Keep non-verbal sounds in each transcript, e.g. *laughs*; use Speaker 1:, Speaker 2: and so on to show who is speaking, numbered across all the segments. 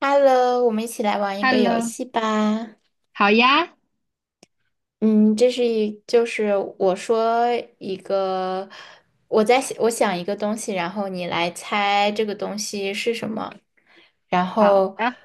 Speaker 1: Hello，我们一起来玩一个游
Speaker 2: Hello，
Speaker 1: 戏吧。
Speaker 2: 好呀，
Speaker 1: 嗯，这是一，我说一个，我在想我想一个东西，然后你来猜这个东西是什么，然
Speaker 2: 好
Speaker 1: 后
Speaker 2: 的，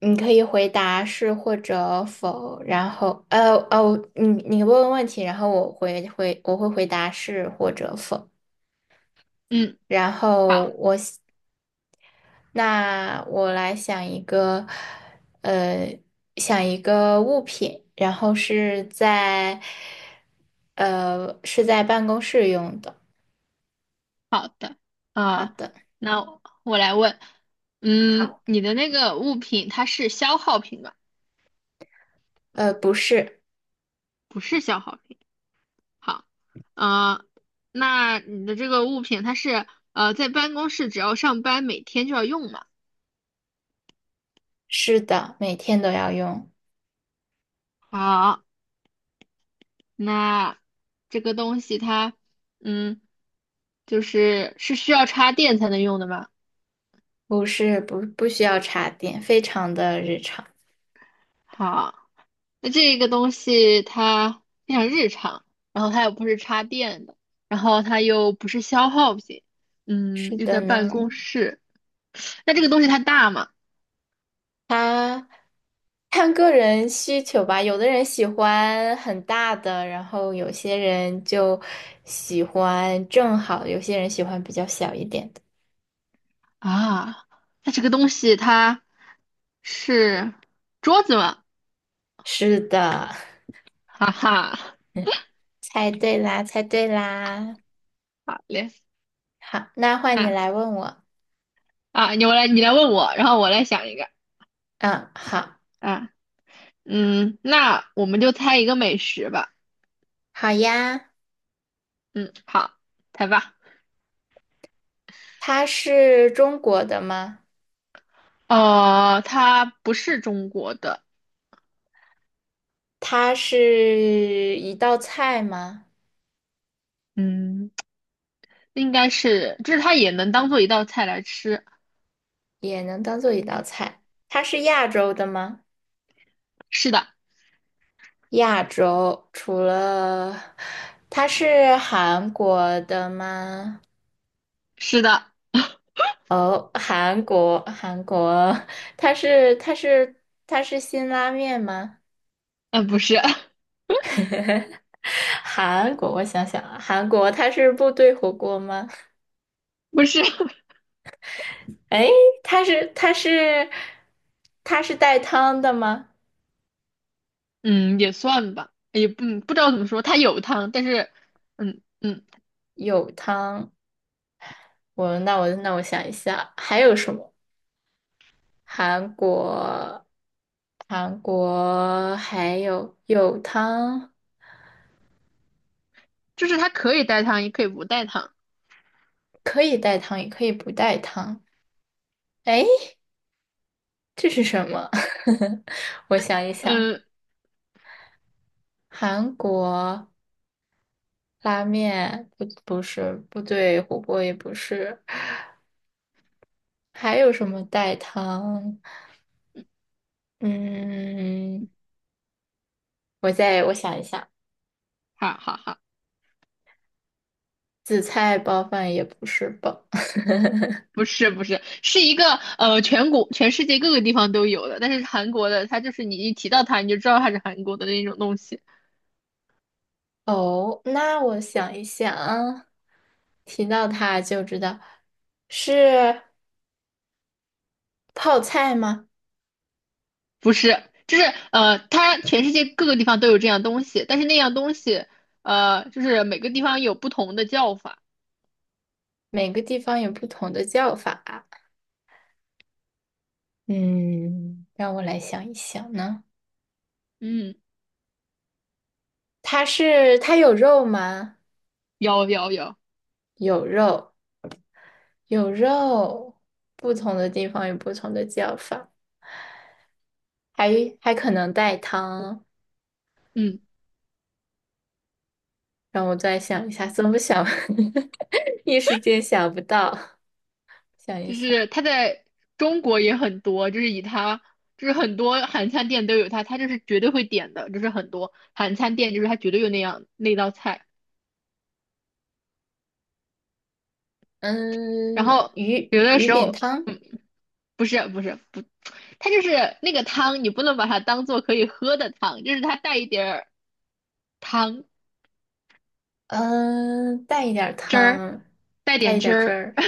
Speaker 1: 你可以回答是或者否，然后你问问题，然后我会回答是或者否，
Speaker 2: 嗯，
Speaker 1: 然
Speaker 2: 好，
Speaker 1: 后我来想一个，呃，想一个物品，然后是在，是在办公室用的。
Speaker 2: 好的，
Speaker 1: 好
Speaker 2: 啊、
Speaker 1: 的，
Speaker 2: 那我来问，嗯，
Speaker 1: 好，
Speaker 2: 你的那个物品它是消耗品吧？
Speaker 1: 不是，
Speaker 2: 不是消耗品。好，啊，那你的这个物品它是在办公室只要上班每天就要用嘛？
Speaker 1: 是的，每天都要用，
Speaker 2: 好，那这个东西它，嗯，就是需要插电才能用的吗？
Speaker 1: 不是，不，不需要插电，非常的日常。
Speaker 2: 好。那这个东西它非常日常，然后它又不是插电的，然后它又不是消耗品，嗯，
Speaker 1: 是
Speaker 2: 又
Speaker 1: 的
Speaker 2: 在办
Speaker 1: 呢，
Speaker 2: 公室。那这个东西它大吗？
Speaker 1: 他看个人需求吧，有的人喜欢很大的，然后有些人就喜欢正好，有些人喜欢比较小一点的。
Speaker 2: 啊，那这个东西它是桌子吗？
Speaker 1: 是的，
Speaker 2: *laughs* 哈哈，
Speaker 1: *laughs* 猜对啦，猜对啦。
Speaker 2: 好嘞，
Speaker 1: 好，那换你
Speaker 2: 那
Speaker 1: 来问我。
Speaker 2: 啊，你我来你来问我，然后我来想一个
Speaker 1: 嗯，好，
Speaker 2: 啊，嗯，那我们就猜一个美食吧，
Speaker 1: 好呀。
Speaker 2: 嗯，好，猜吧。
Speaker 1: 它是中国的吗？
Speaker 2: 呃，它不是中国的，
Speaker 1: 它是一道菜吗？
Speaker 2: 嗯。应该是，就是它也能当做一道菜来吃。
Speaker 1: 也能当做一道菜。它是亚洲的吗？
Speaker 2: 是的，
Speaker 1: 亚洲除了它是韩国的吗？
Speaker 2: 是的，
Speaker 1: 哦，韩国，韩国，它是它是它是辛拉面吗？
Speaker 2: 嗯、不是，*laughs*
Speaker 1: 韩国，我想想啊，韩国它是部队火锅吗？
Speaker 2: 不是，*laughs*
Speaker 1: 哎，它是它是它是带汤的吗？
Speaker 2: 嗯，也算吧，也不、嗯、不知道怎么说，它有汤，但是，嗯嗯，
Speaker 1: 有汤，我想一下，还有什么？韩国，韩国还有汤。
Speaker 2: 就是它可以带汤，也可以不带汤。
Speaker 1: 可以带汤，也可以不带汤。哎，这是什么？*laughs* 我想一想，
Speaker 2: 嗯，
Speaker 1: 韩国拉面不是，不对，火锅也不是，还有什么带汤？嗯，我想一想，
Speaker 2: 好好好，
Speaker 1: 紫菜包饭也不是吧？
Speaker 2: 不是，是一个，全国全世界各个地方都有的，但是韩国的它就是你一提到它，你就知道它是韩国的那种东西。
Speaker 1: 哦，那我想一想啊，提到它就知道是泡菜吗？
Speaker 2: 不是，就是呃，它全世界各个地方都有这样东西，但是那样东西，呃，就是每个地方有不同的叫法。
Speaker 1: 每个地方有不同的叫法。嗯，让我来想一想呢。
Speaker 2: 嗯，
Speaker 1: 它是，它有肉吗？
Speaker 2: 有有有，
Speaker 1: 有肉，有肉，不同的地方有不同的叫法，还还可能带汤。
Speaker 2: 嗯，
Speaker 1: 让我再想一下，怎么想？*laughs* 一时间想不到，想一
Speaker 2: 就
Speaker 1: 想。
Speaker 2: 是它在中国也很多，就是以它，就是很多韩餐店都有它，它就是绝对会点的，就是很多韩餐店就是它绝对有那样那道菜。然
Speaker 1: 嗯，
Speaker 2: 后
Speaker 1: 鱼
Speaker 2: 有的
Speaker 1: 鱼
Speaker 2: 时
Speaker 1: 饼
Speaker 2: 候，
Speaker 1: 汤，
Speaker 2: 嗯，不是不是不，它就是那个汤，你不能把它当做可以喝的汤，就是它带一点儿汤
Speaker 1: 嗯，带一点儿
Speaker 2: 汁儿，
Speaker 1: 汤，
Speaker 2: 带
Speaker 1: 带
Speaker 2: 点
Speaker 1: 一
Speaker 2: 汁
Speaker 1: 点儿汁
Speaker 2: 儿。
Speaker 1: 儿。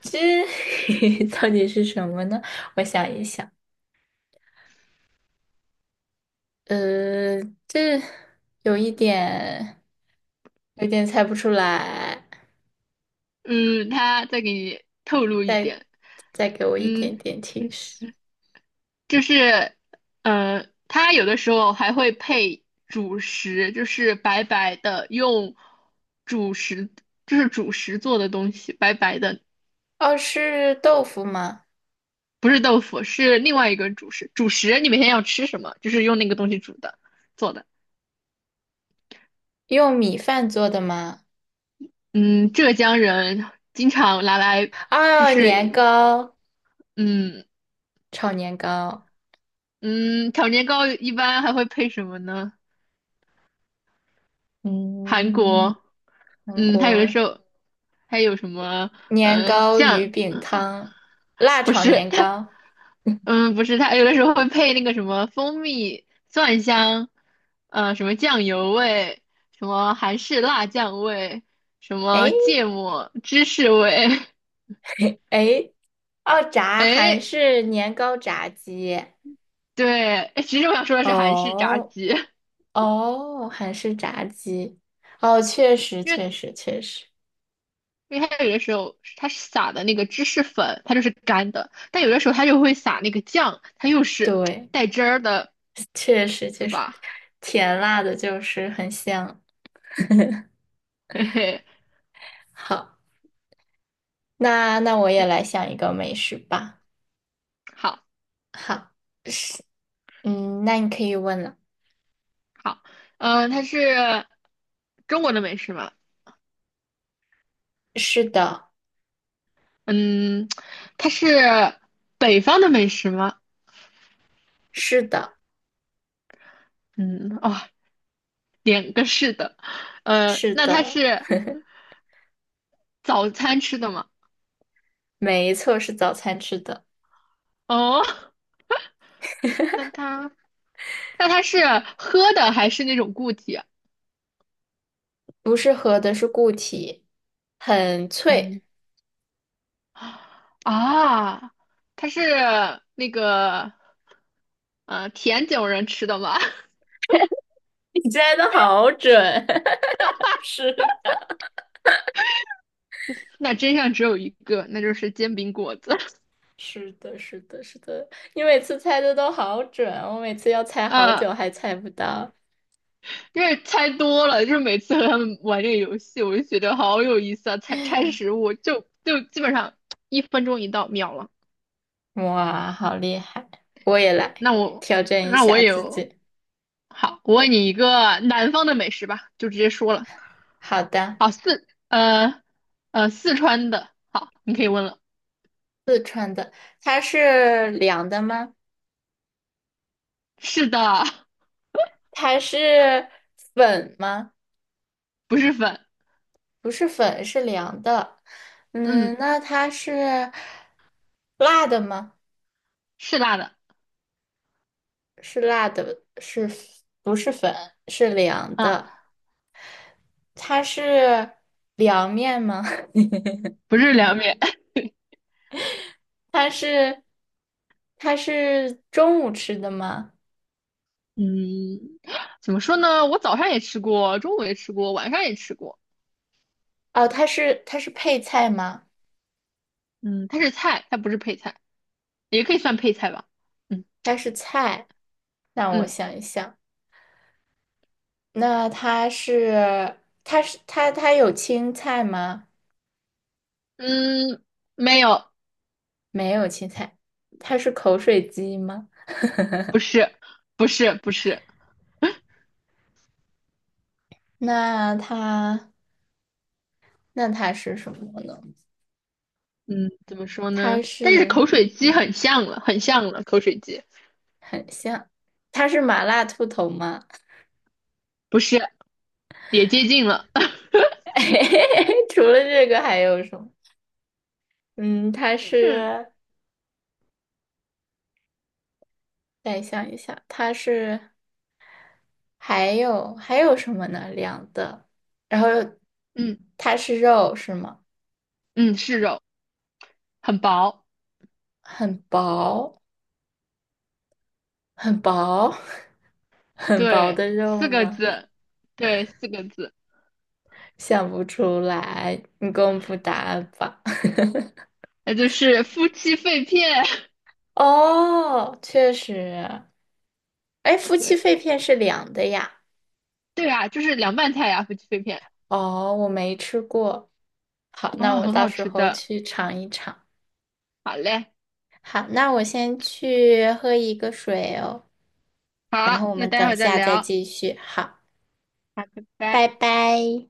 Speaker 1: 这 *laughs* 到底是什么呢？我想一想。呃，这有一点，有点猜不出来，
Speaker 2: 嗯，他再给你透露一
Speaker 1: 再
Speaker 2: 点，
Speaker 1: 再给我一
Speaker 2: 嗯，
Speaker 1: 点点提示。
Speaker 2: 就是，呃，他有的时候还会配主食，就是白白的用主食，就是主食做的东西，白白的，
Speaker 1: 哦，是豆腐吗？
Speaker 2: 不是豆腐，是另外一个主食。主食你每天要吃什么？就是用那个东西煮的做的。
Speaker 1: 用米饭做的吗？
Speaker 2: 嗯，浙江人经常拿来，就
Speaker 1: 哦，年
Speaker 2: 是，
Speaker 1: 糕，
Speaker 2: 嗯
Speaker 1: 炒年糕。
Speaker 2: 嗯，炒年糕一般还会配什么呢？韩
Speaker 1: 嗯，
Speaker 2: 国，
Speaker 1: 韩
Speaker 2: 嗯，它有的
Speaker 1: 国
Speaker 2: 时候还有什么，
Speaker 1: 年
Speaker 2: 呃，
Speaker 1: 糕鱼
Speaker 2: 酱，
Speaker 1: 饼汤，辣
Speaker 2: 不
Speaker 1: 炒
Speaker 2: 是
Speaker 1: 年
Speaker 2: 它，
Speaker 1: 糕。
Speaker 2: 嗯，不是它，有的时候会配那个什么蜂蜜、蒜香，呃，什么酱油味，什么韩式辣酱味，什么
Speaker 1: 诶
Speaker 2: 芥末芝士味，
Speaker 1: 诶，哦，
Speaker 2: *laughs*
Speaker 1: 炸韩
Speaker 2: 哎，
Speaker 1: 式年糕炸鸡。
Speaker 2: 对，哎，其实我想说的是韩式炸
Speaker 1: 哦，
Speaker 2: 鸡，
Speaker 1: 哦，韩式炸鸡，哦，确实，
Speaker 2: 因为
Speaker 1: 确实，确实，
Speaker 2: 因为它有的时候它是撒的那个芝士粉，它就是干的，但有的时候它就会撒那个酱，它又是
Speaker 1: 对，
Speaker 2: 带汁儿的，
Speaker 1: 确实，
Speaker 2: 是
Speaker 1: 确实，
Speaker 2: 吧？
Speaker 1: 甜辣的就是很香。
Speaker 2: *laughs* 嘿嘿，
Speaker 1: 好，那我也
Speaker 2: 那
Speaker 1: 来想一个美食吧。
Speaker 2: 好
Speaker 1: 好，是，嗯，那你可以问了。
Speaker 2: 好，它是中国的美食吗？
Speaker 1: 是的，
Speaker 2: 嗯，它是北方的美食吗？
Speaker 1: 是的，
Speaker 2: 嗯，哦，两个是的，呃，
Speaker 1: 是
Speaker 2: 那它
Speaker 1: 的，
Speaker 2: 是早餐吃的吗？
Speaker 1: 没错，是早餐吃的，
Speaker 2: 哦 *laughs*，那它那它是喝的还是那种固体啊
Speaker 1: 不是喝的，是固体，很脆。
Speaker 2: 嗯，啊，它是那个甜酒人吃的吗？
Speaker 1: *laughs* 你猜的好准，*laughs* 是
Speaker 2: *laughs* 那真相只有一个，那就是煎饼果子。*laughs*
Speaker 1: 是的，是的，是的，你每次猜的都好准，我每次要猜好
Speaker 2: 嗯
Speaker 1: 久还猜不到。
Speaker 2: 因为猜多了，就是每次和他们玩这个游戏，我就觉得好有意思啊！猜猜食物，就基本上一分钟一到，秒了。
Speaker 1: 哇，好厉害！我也来
Speaker 2: 那我
Speaker 1: 挑战一
Speaker 2: 那我
Speaker 1: 下
Speaker 2: 也
Speaker 1: 自
Speaker 2: 有
Speaker 1: 己。
Speaker 2: 好，我问你一个南方的美食吧，就直接说了。
Speaker 1: 好的，
Speaker 2: 好，四川的，好，你可以问了。
Speaker 1: 好的，它是凉的吗？
Speaker 2: 是的，
Speaker 1: 它是粉吗？
Speaker 2: 不是粉，
Speaker 1: 不是粉，是凉的。嗯，
Speaker 2: 嗯，
Speaker 1: 那它是辣的吗？
Speaker 2: 是辣的，
Speaker 1: 是辣的，是不是粉？是凉
Speaker 2: 嗯，
Speaker 1: 的。它是凉面吗？
Speaker 2: 不是凉面，
Speaker 1: 它是它是中午吃的吗？
Speaker 2: *laughs* 嗯，怎么说呢？我早上也吃过，中午也吃过，晚上也吃过，
Speaker 1: 哦，它是配菜吗？
Speaker 2: 嗯，它是菜，它不是配菜。也可以算配菜吧。嗯
Speaker 1: 它是菜。让我
Speaker 2: 嗯
Speaker 1: 想一想，那它是它有青菜吗？
Speaker 2: 嗯，没有，
Speaker 1: 没有青菜，它是口水鸡吗？
Speaker 2: 不是，不是，不是。
Speaker 1: 那它那它是什么呢？
Speaker 2: 嗯，怎么说
Speaker 1: 它
Speaker 2: 呢？但是
Speaker 1: 是
Speaker 2: 口水鸡很像了，很像了，口水鸡
Speaker 1: 很像，它是麻辣兔头吗？
Speaker 2: 不是，也接近了，
Speaker 1: *laughs* 除了这个还有什么？嗯，它
Speaker 2: *laughs* 是，
Speaker 1: 是，再想一想，它是。还有还有什么呢？凉的，然后又
Speaker 2: 嗯
Speaker 1: 它是肉是吗？
Speaker 2: 嗯，是肉，很薄，
Speaker 1: 很薄，很薄，*laughs* 很薄
Speaker 2: 对，
Speaker 1: 的肉
Speaker 2: 四个
Speaker 1: 吗？
Speaker 2: 字，对，四个字，
Speaker 1: 想不出来，你公布答案吧。*laughs*
Speaker 2: 那就是夫妻肺片，*laughs*
Speaker 1: 哦，确实，哎，夫妻
Speaker 2: 对
Speaker 1: 肺片是凉的呀。
Speaker 2: 对啊，就是凉拌菜呀、夫妻肺片
Speaker 1: 哦，我没吃过。好，那
Speaker 2: 啊、
Speaker 1: 我
Speaker 2: 很
Speaker 1: 到
Speaker 2: 好
Speaker 1: 时
Speaker 2: 吃
Speaker 1: 候
Speaker 2: 的。
Speaker 1: 去尝一尝。
Speaker 2: 好嘞，
Speaker 1: 好，那我先去喝一个水哦，然
Speaker 2: 好，
Speaker 1: 后我
Speaker 2: 那
Speaker 1: 们
Speaker 2: 待会
Speaker 1: 等
Speaker 2: 儿再
Speaker 1: 下再
Speaker 2: 聊，好，
Speaker 1: 继续。好。
Speaker 2: 拜拜。
Speaker 1: 拜拜。